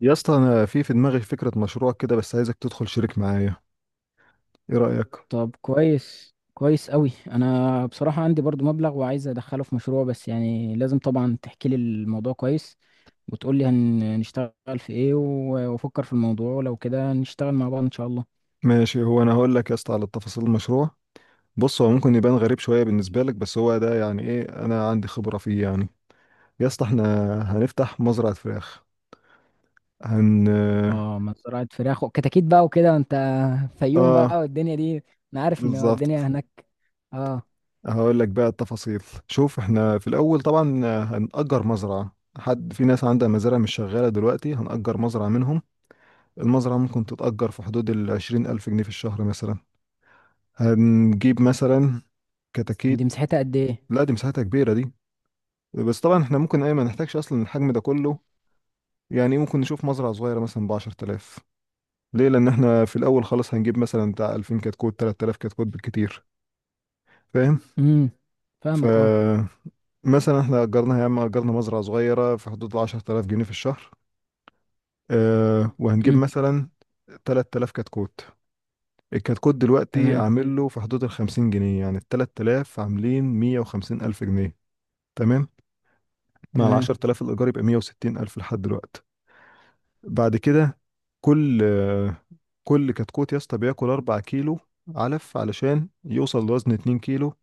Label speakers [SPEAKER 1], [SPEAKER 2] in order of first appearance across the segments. [SPEAKER 1] يا اسطى انا في دماغي فكره مشروع كده، بس عايزك تدخل شريك معايا. ايه رايك؟
[SPEAKER 2] طب، كويس كويس قوي. انا بصراحة عندي برضو مبلغ وعايز ادخله في مشروع، بس يعني لازم طبعا تحكي لي الموضوع كويس وتقول لي هنشتغل في ايه، وافكر في الموضوع، ولو كده نشتغل مع بعض ان شاء الله.
[SPEAKER 1] ماشي. هو انا هقول لك يا اسطى على تفاصيل المشروع. بص، هو ممكن يبان غريب شويه بالنسبه لك، بس هو ده يعني ايه، انا عندي خبره فيه يعني. يا اسطى احنا هنفتح مزرعه فراخ. هن
[SPEAKER 2] اه، ما زراعة فراخ وكتاكيت بقى وكده انت، فيوم
[SPEAKER 1] اه،
[SPEAKER 2] بقى والدنيا دي. انا عارف ان الدنيا
[SPEAKER 1] بالظبط.
[SPEAKER 2] هناك. اه.
[SPEAKER 1] هقول لك بقى التفاصيل. شوف، احنا في الاول طبعا هنأجر مزرعه. حد في ناس عندها مزارع مش شغاله دلوقتي، هنأجر مزرعه منهم. المزرعه ممكن تتأجر في حدود ال 20,000 جنيه في الشهر مثلا. هنجيب مثلا
[SPEAKER 2] دي
[SPEAKER 1] كتاكيت.
[SPEAKER 2] مساحتها قد ايه؟
[SPEAKER 1] لا، دي مساحتها كبيرة دي، بس طبعا احنا ممكن ايه، ما نحتاجش اصلا الحجم ده كله. يعني ممكن نشوف مزرعة صغيرة مثلا ب 10,000. ليه؟ لان احنا في الاول خالص هنجيب مثلا بتاع 2000 كتكوت، 3000 كتكوت بالكتير. فاهم؟
[SPEAKER 2] امم فاهمك، اه.
[SPEAKER 1] ف مثلا احنا اجرنا يا عم، اجرنا مزرعة صغيرة في حدود ال 10,000 جنيه في الشهر. اه، وهنجيب
[SPEAKER 2] امم
[SPEAKER 1] مثلا 3000 كتكوت. الكتكوت دلوقتي
[SPEAKER 2] تمام.
[SPEAKER 1] عامل له في حدود ال 50 جنيه، يعني ال 3000 عاملين 150,000 جنيه. تمام؟ مع ال
[SPEAKER 2] تمام.
[SPEAKER 1] 10,000 الايجار يبقى 160,000 لحد دلوقتي. بعد كده، كل كل كتكوت يا اسطى بياكل 4 كيلو علف علشان يوصل لوزن 2 كيلو،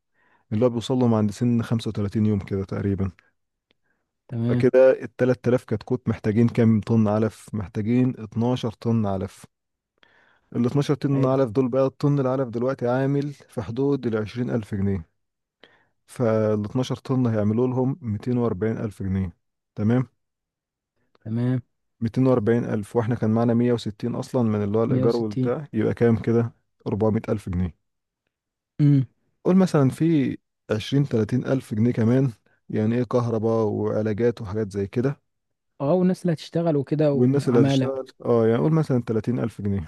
[SPEAKER 1] اللي هو بيوصل لهم عند سن 35 يوم كده تقريبا.
[SPEAKER 2] تمام.
[SPEAKER 1] فكده ال 3000 كتكوت محتاجين كام طن علف؟ محتاجين 12 طن علف. ال 12 طن
[SPEAKER 2] حلو.
[SPEAKER 1] علف دول بقى، الطن العلف دلوقتي عامل في حدود ال 20,000 جنيه، فال 12 طن هيعملوا لهم 240,000 جنيه. تمام؟
[SPEAKER 2] تمام.
[SPEAKER 1] 240,000 واحنا كان معانا 160 اصلا من اللي هو الايجار
[SPEAKER 2] 160.
[SPEAKER 1] والبتاع، يبقى كام كده؟ 400,000 جنيه. قول مثلا في 20، 30 الف جنيه كمان يعني ايه، كهرباء وعلاجات وحاجات زي كده.
[SPEAKER 2] اه، والناس اللي هتشتغل وكده
[SPEAKER 1] والناس اللي
[SPEAKER 2] وعمالة.
[SPEAKER 1] هتشتغل اه، يعني قول مثلا 30 الف جنيه.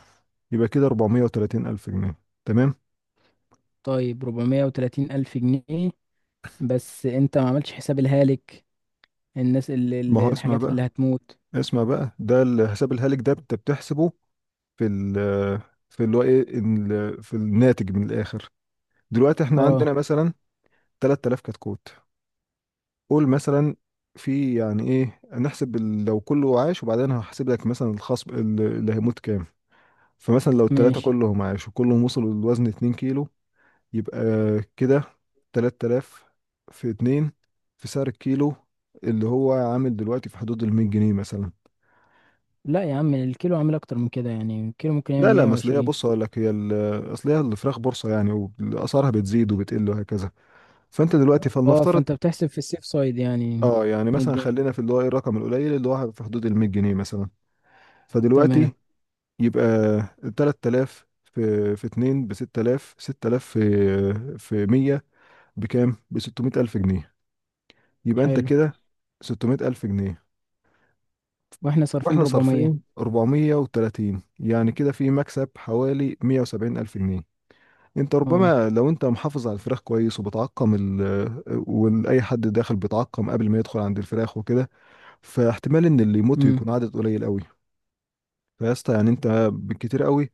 [SPEAKER 1] يبقى كده 430 الف جنيه. تمام.
[SPEAKER 2] طيب، 430 ألف جنيه، بس انت ما عملتش حساب الهالك،
[SPEAKER 1] ما هو اسمع
[SPEAKER 2] الحاجات
[SPEAKER 1] بقى،
[SPEAKER 2] اللي هتموت.
[SPEAKER 1] اسمع بقى، ده الحساب الهالك ده انت بتحسبه في في اللي هو ايه، في الناتج من الاخر. دلوقتي احنا
[SPEAKER 2] اه،
[SPEAKER 1] عندنا مثلا 3000 كتكوت، قول مثلا في يعني ايه، نحسب لو كله عاش، وبعدين هحسب لك مثلا الخصم اللي هيموت كام. فمثلا لو التلاتة
[SPEAKER 2] ماشي.
[SPEAKER 1] كلهم عاش وكلهم وصلوا للوزن 2 كيلو، يبقى كده 3000 في 2 في سعر الكيلو اللي هو عامل دلوقتي في حدود ال 100 جنيه مثلا.
[SPEAKER 2] لا يا عم، الكيلو عامل اكتر من كده، يعني الكيلو ممكن يعمل
[SPEAKER 1] لا لا مثلية،
[SPEAKER 2] 120.
[SPEAKER 1] بص هقول لك، هي اصل هي الفراخ بورصة يعني، واسعارها بتزيد وبتقل وهكذا. فانت دلوقتي
[SPEAKER 2] اه،
[SPEAKER 1] فلنفترض
[SPEAKER 2] فانت بتحسب في السيف سايد يعني.
[SPEAKER 1] اه، يعني
[SPEAKER 2] 100
[SPEAKER 1] مثلا
[SPEAKER 2] جنيه
[SPEAKER 1] خلينا في اللي هو ايه، الرقم القليل اللي هو في حدود ال 100 جنيه مثلا.
[SPEAKER 2] تمام.
[SPEAKER 1] فدلوقتي يبقى 3000 في 2 ب 6000، 6000 في 100 بكام؟ ب 600,000 جنيه. يبقى انت
[SPEAKER 2] حلو.
[SPEAKER 1] كده 600,000 جنيه،
[SPEAKER 2] واحنا صارفين
[SPEAKER 1] واحنا
[SPEAKER 2] 400.
[SPEAKER 1] صارفين 430، يعني كده في مكسب حوالي 170,000 جنيه. انت
[SPEAKER 2] اه.
[SPEAKER 1] ربما لو انت محافظ على الفراخ كويس وبتعقم واي حد داخل بيتعقم قبل ما يدخل عند الفراخ وكده، فاحتمال ان اللي يموت
[SPEAKER 2] امم
[SPEAKER 1] يكون عدد قليل قوي. فيا اسطى، يعني انت بالكتير قوي،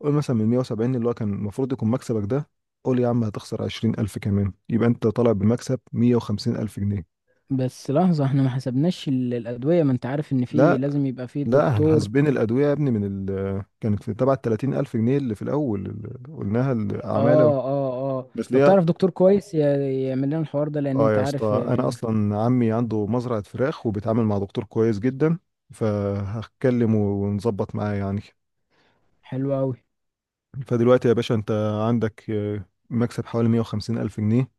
[SPEAKER 1] قول مثلا من 170 اللي هو كان المفروض يكون مكسبك ده، قول يا عم هتخسر 20,000 كمان، يبقى أنت طالع بمكسب 150,000 جنيه.
[SPEAKER 2] بس لحظة، احنا ما حسبناش الأدوية، ما انت عارف ان في
[SPEAKER 1] لا
[SPEAKER 2] لازم يبقى في
[SPEAKER 1] لا، احنا
[SPEAKER 2] دكتور.
[SPEAKER 1] حاسبين الأدوية يا ابني من ال كانت في تبع 30,000 جنيه اللي في الأول اللي قلناها العمالة.
[SPEAKER 2] اه، اه، اه،
[SPEAKER 1] بس
[SPEAKER 2] طب
[SPEAKER 1] ليه؟
[SPEAKER 2] تعرف دكتور كويس يعمل لنا الحوار ده، لان
[SPEAKER 1] اه،
[SPEAKER 2] انت
[SPEAKER 1] يا
[SPEAKER 2] عارف.
[SPEAKER 1] اسطى أنا أصلا عمي عنده مزرعة فراخ وبيتعامل مع دكتور كويس جدا، فهتكلمه ونظبط معاه يعني.
[SPEAKER 2] حلو قوي.
[SPEAKER 1] فدلوقتي يا باشا انت عندك مكسب حوالي 150 ألف جنيه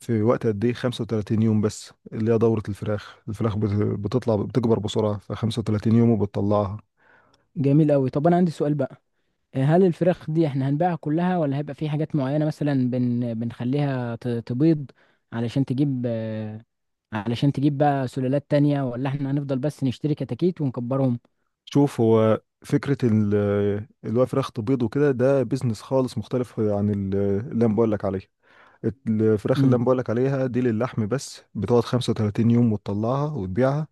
[SPEAKER 1] في وقت قد ايه؟ 35 يوم بس، اللي هي دورة الفراخ. الفراخ بتطلع، بتكبر بسرعة، ف 35 يوم وبتطلعها.
[SPEAKER 2] جميل قوي، طب انا عندي سؤال بقى. هل الفراخ دي احنا هنبيعها كلها، ولا هيبقى في حاجات معينة، مثلا بنخليها تبيض؟ علشان تجيب آه، علشان تجيب بقى سلالات تانية، ولا احنا هنفضل بس نشتري كتاكيت ونكبرهم؟
[SPEAKER 1] شوف، هو فكرة اللي هو فراخ تبيض وكده، ده بيزنس خالص مختلف عن اللي انا بقول لك عليه. الفراخ اللي
[SPEAKER 2] امم.
[SPEAKER 1] انا بقولك عليها دي للحم بس، بتقعد 35 يوم وتطلعها وتبيعها.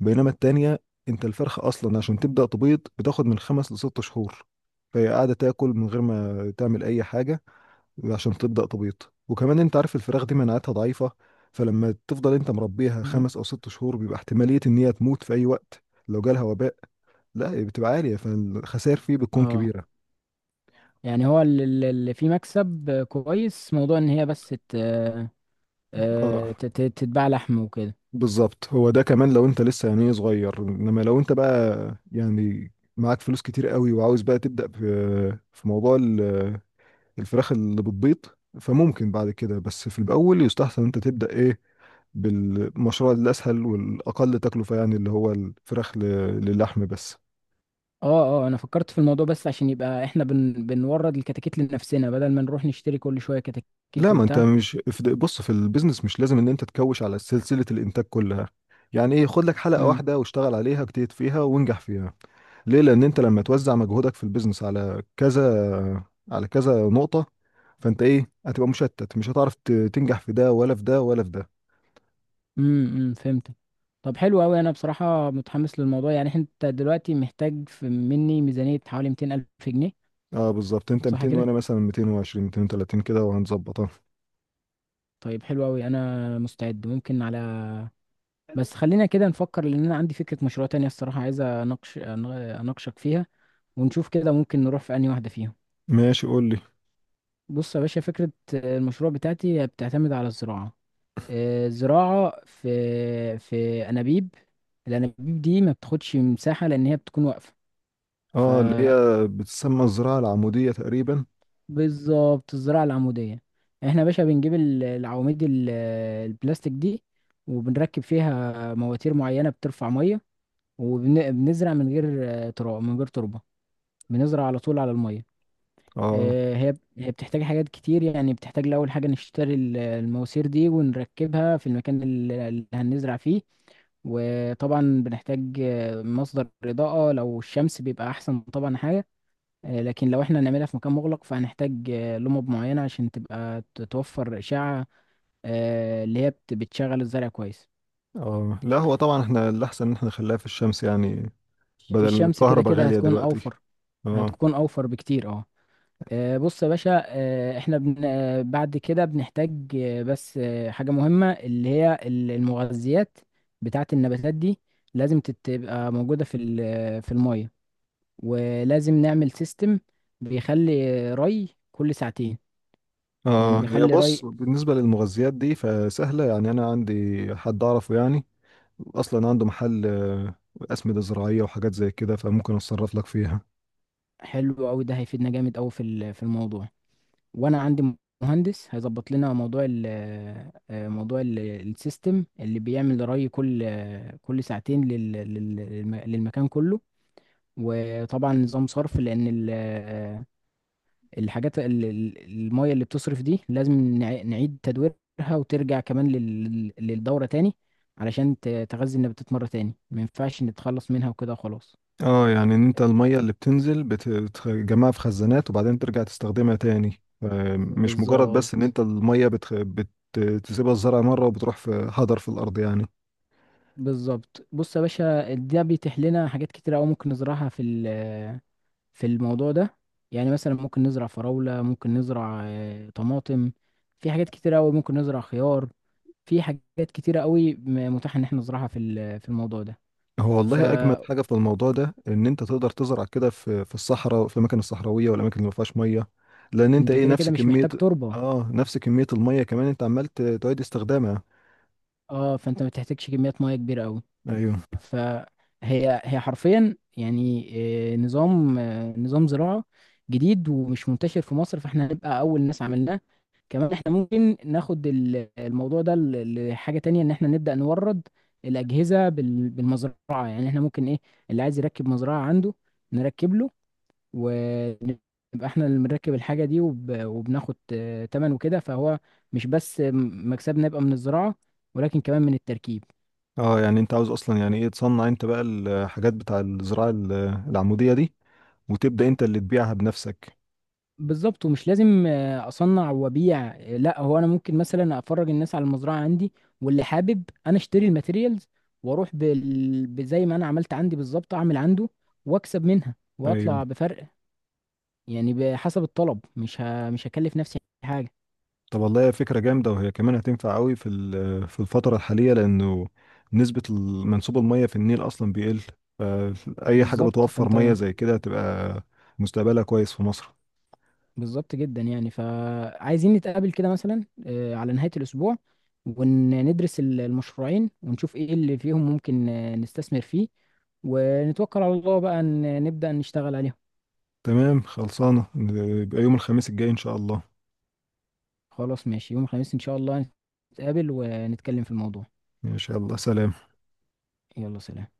[SPEAKER 1] بينما التانية، انت الفرخة اصلا عشان تبدأ تبيض بتاخد من خمس لست شهور، فهي قاعدة تاكل من غير ما تعمل اي حاجة عشان تبدأ تبيض. وكمان انت عارف الفراخ دي مناعتها ضعيفة، فلما تفضل انت مربيها خمس او ست شهور بيبقى احتمالية ان هي تموت في اي وقت لو جالها وباء، لا، بتبقى عالية، فالخسائر فيه بتكون
[SPEAKER 2] اه،
[SPEAKER 1] كبيرة.
[SPEAKER 2] يعني هو اللي فيه مكسب كويس، موضوع ان هي بس
[SPEAKER 1] اه
[SPEAKER 2] تتباع لحم وكده.
[SPEAKER 1] بالظبط. هو ده كمان لو انت لسه يعني إيه صغير، انما لو انت بقى يعني معاك فلوس كتير قوي وعاوز بقى تبدأ في في موضوع الفراخ اللي بتبيض، فممكن بعد كده. بس في الاول يستحسن انت تبدأ ايه، بالمشروع الاسهل والاقل تكلفة يعني اللي هو الفراخ للحم بس.
[SPEAKER 2] اه، اه، انا فكرت في الموضوع، بس عشان يبقى احنا بنورد الكتاكيت لنفسنا، بدل ما نروح نشتري كل شويه
[SPEAKER 1] لا،
[SPEAKER 2] كتاكيت
[SPEAKER 1] ما انت
[SPEAKER 2] وبتاع.
[SPEAKER 1] مش في بص، في البيزنس مش لازم ان انت تكوش على سلسلة الانتاج كلها. يعني ايه، خد لك حلقة
[SPEAKER 2] امم
[SPEAKER 1] واحدة واشتغل عليها، اجتهد فيها وانجح فيها. ليه؟ لان انت لما توزع مجهودك في البيزنس على كذا، على كذا نقطة، فانت ايه، هتبقى مشتت، مش هتعرف تنجح في ده ولا في ده ولا في ده.
[SPEAKER 2] أمم، فهمت. طب حلو قوي، انا بصراحه متحمس للموضوع، يعني انت دلوقتي محتاج في مني ميزانيه حوالي 200 الف جنيه.
[SPEAKER 1] اه بالظبط، انت
[SPEAKER 2] صح
[SPEAKER 1] 200
[SPEAKER 2] كده؟
[SPEAKER 1] وانا مثلا 220، 230 كده، وهنظبطها.
[SPEAKER 2] طيب حلو قوي، انا مستعد، ممكن على... بس خلينا كده نفكر، لان انا عندي فكره مشروع تانية الصراحه، عايز اناقشك فيها، ونشوف كده ممكن نروح في انهي واحده فيهم.
[SPEAKER 1] ماشي قول لي.
[SPEAKER 2] بص يا باشا، فكره المشروع بتاعتي بتعتمد على الزراعه. زراعة في أنابيب. الأنابيب دي ما بتاخدش مساحة، لأن هي بتكون واقفة.
[SPEAKER 1] اه، اللي هي بتسمى الزراعة العمودية تقريبا.
[SPEAKER 2] فبالظبط، الزراعة العمودية. احنا يا باشا بنجيب العواميد البلاستيك دي، وبنركب فيها مواتير معينة بترفع مية، وبنزرع من غير تراب، من غير تربة. بنزرع على طول على المية.
[SPEAKER 1] اه.
[SPEAKER 2] هي بتحتاج حاجات كتير، يعني بتحتاج لأول حاجة نشتري المواسير دي ونركبها في المكان اللي هنزرع فيه. وطبعا بنحتاج مصدر إضاءة، لو الشمس بيبقى أحسن طبعا حاجة. لكن لو احنا هنعملها في مكان مغلق، فهنحتاج لمبة معينة عشان تبقى توفر إشعة، اللي هي بتشغل الزرع كويس.
[SPEAKER 1] اه، لا، هو طبعا احنا الاحسن ان احنا نخليها في الشمس يعني،
[SPEAKER 2] في
[SPEAKER 1] بدل
[SPEAKER 2] الشمس كده
[SPEAKER 1] الكهرباء
[SPEAKER 2] كده
[SPEAKER 1] غالية
[SPEAKER 2] هتكون
[SPEAKER 1] دلوقتي.
[SPEAKER 2] أوفر.
[SPEAKER 1] اه.
[SPEAKER 2] هتكون أوفر بكتير، اه. بص يا باشا، آه، احنا بن... آه، بعد كده بنحتاج آه، بس آه، حاجة مهمة، اللي هي المغذيات بتاعة النباتات دي، لازم تبقى موجودة في في المية. ولازم نعمل سيستم بيخلي ري كل ساعتين، يعني
[SPEAKER 1] اه، هي
[SPEAKER 2] بيخلي
[SPEAKER 1] بص،
[SPEAKER 2] ري.
[SPEAKER 1] بالنسبة للمغذيات دي فسهلة، يعني انا عندي حد اعرفه يعني، اصلا عنده محل اسمده زراعيه وحاجات زي كده، فممكن اتصرف لك فيها.
[SPEAKER 2] حلو أوي، ده هيفيدنا جامد أوي في في الموضوع. وأنا عندي مهندس هيظبط لنا موضوع ال آه، آه، موضوع ال- السيستم اللي بيعمل ري كل ساعتين للمكان كله. وطبعا نظام صرف، لان الحاجات ال- ال- المية اللي بتصرف دي لازم نعيد تدويرها، وترجع كمان للدورة تاني، علشان تغذي النباتات مرة تاني، ما ينفعش نتخلص منها وكده خلاص.
[SPEAKER 1] اه، يعني ان انت الميه اللي بتنزل بتجمعها في خزانات وبعدين ترجع تستخدمها تاني، مش مجرد بس ان
[SPEAKER 2] بالظبط.
[SPEAKER 1] انت الميه بتسيبها الزرع مره وبتروح في هدر في الارض يعني.
[SPEAKER 2] بالظبط. بص يا باشا، ده بيتيح لنا حاجات كتيرة أوي ممكن نزرعها في في الموضوع ده، يعني مثلا ممكن نزرع فراولة، ممكن نزرع طماطم، في حاجات كتيرة أوي ممكن نزرع خيار، في حاجات كتيرة قوي متاح ان احنا نزرعها في في الموضوع ده.
[SPEAKER 1] هو والله اجمد
[SPEAKER 2] فانت
[SPEAKER 1] حاجه في الموضوع ده ان انت تقدر تزرع كده في في الصحراء، في الاماكن الصحراويه والاماكن اللي ما فيهاش ميه، لان انت ايه،
[SPEAKER 2] كده
[SPEAKER 1] نفس
[SPEAKER 2] كده مش
[SPEAKER 1] كميه.
[SPEAKER 2] محتاج تربة.
[SPEAKER 1] اه نفس كميه الميه، كمان انت عمال تعيد استخدامها.
[SPEAKER 2] اه، فانت ما بتحتاجش كميات مياه كبيرة قوي.
[SPEAKER 1] ايوه.
[SPEAKER 2] فهي حرفيا يعني نظام زراعة جديد ومش منتشر في مصر، فاحنا هنبقى اول ناس عملناه. كمان احنا ممكن ناخد الموضوع ده لحاجة تانية، ان احنا نبدأ نورد الأجهزة بالمزرعة. يعني احنا ممكن ايه، اللي عايز يركب مزرعة عنده، نركب له، ونبقى احنا اللي بنركب الحاجة دي، وبناخد تمن وكده، فهو مش بس مكسبنا يبقى من الزراعة، ولكن كمان من التركيب.
[SPEAKER 1] اه، يعني انت عاوز اصلا يعني ايه، تصنع انت بقى الحاجات بتاع الزراعة العمودية دي، وتبدأ انت اللي تبيعها بنفسك.
[SPEAKER 2] بالظبط، ومش لازم اصنع وابيع. لا هو انا ممكن مثلا افرج الناس على المزرعة عندي، واللي حابب انا اشتري الماتيريالز، واروح بزي ما انا عملت عندي بالظبط، اعمل عنده واكسب منها
[SPEAKER 1] ايوه.
[SPEAKER 2] واطلع بفرق. يعني بحسب الطلب، مش هكلف نفسي حاجة.
[SPEAKER 1] طب والله هي فكرة جامدة، وهي كمان هتنفع قوي في في الفترة الحالية، لانه نسبة منسوب المية في النيل اصلا بيقل، فاي حاجة
[SPEAKER 2] بالظبط.
[SPEAKER 1] بتوفر
[SPEAKER 2] فانت.
[SPEAKER 1] مية زي كده هتبقى مستقبلها كويس في مصر.
[SPEAKER 2] بالظبط جدا يعني، فعايزين نتقابل كده مثلا على نهاية الأسبوع، وندرس المشروعين، ونشوف إيه اللي فيهم ممكن نستثمر فيه، ونتوكل على الله بقى نبدأ نشتغل عليهم.
[SPEAKER 1] تمام، خلصانة، يبقى يوم الخميس الجاي ان شاء الله.
[SPEAKER 2] خلاص ماشي، يوم الخميس إن شاء الله، نتقابل ونتكلم في الموضوع.
[SPEAKER 1] ان شاء الله، سلام.
[SPEAKER 2] يلا سلام.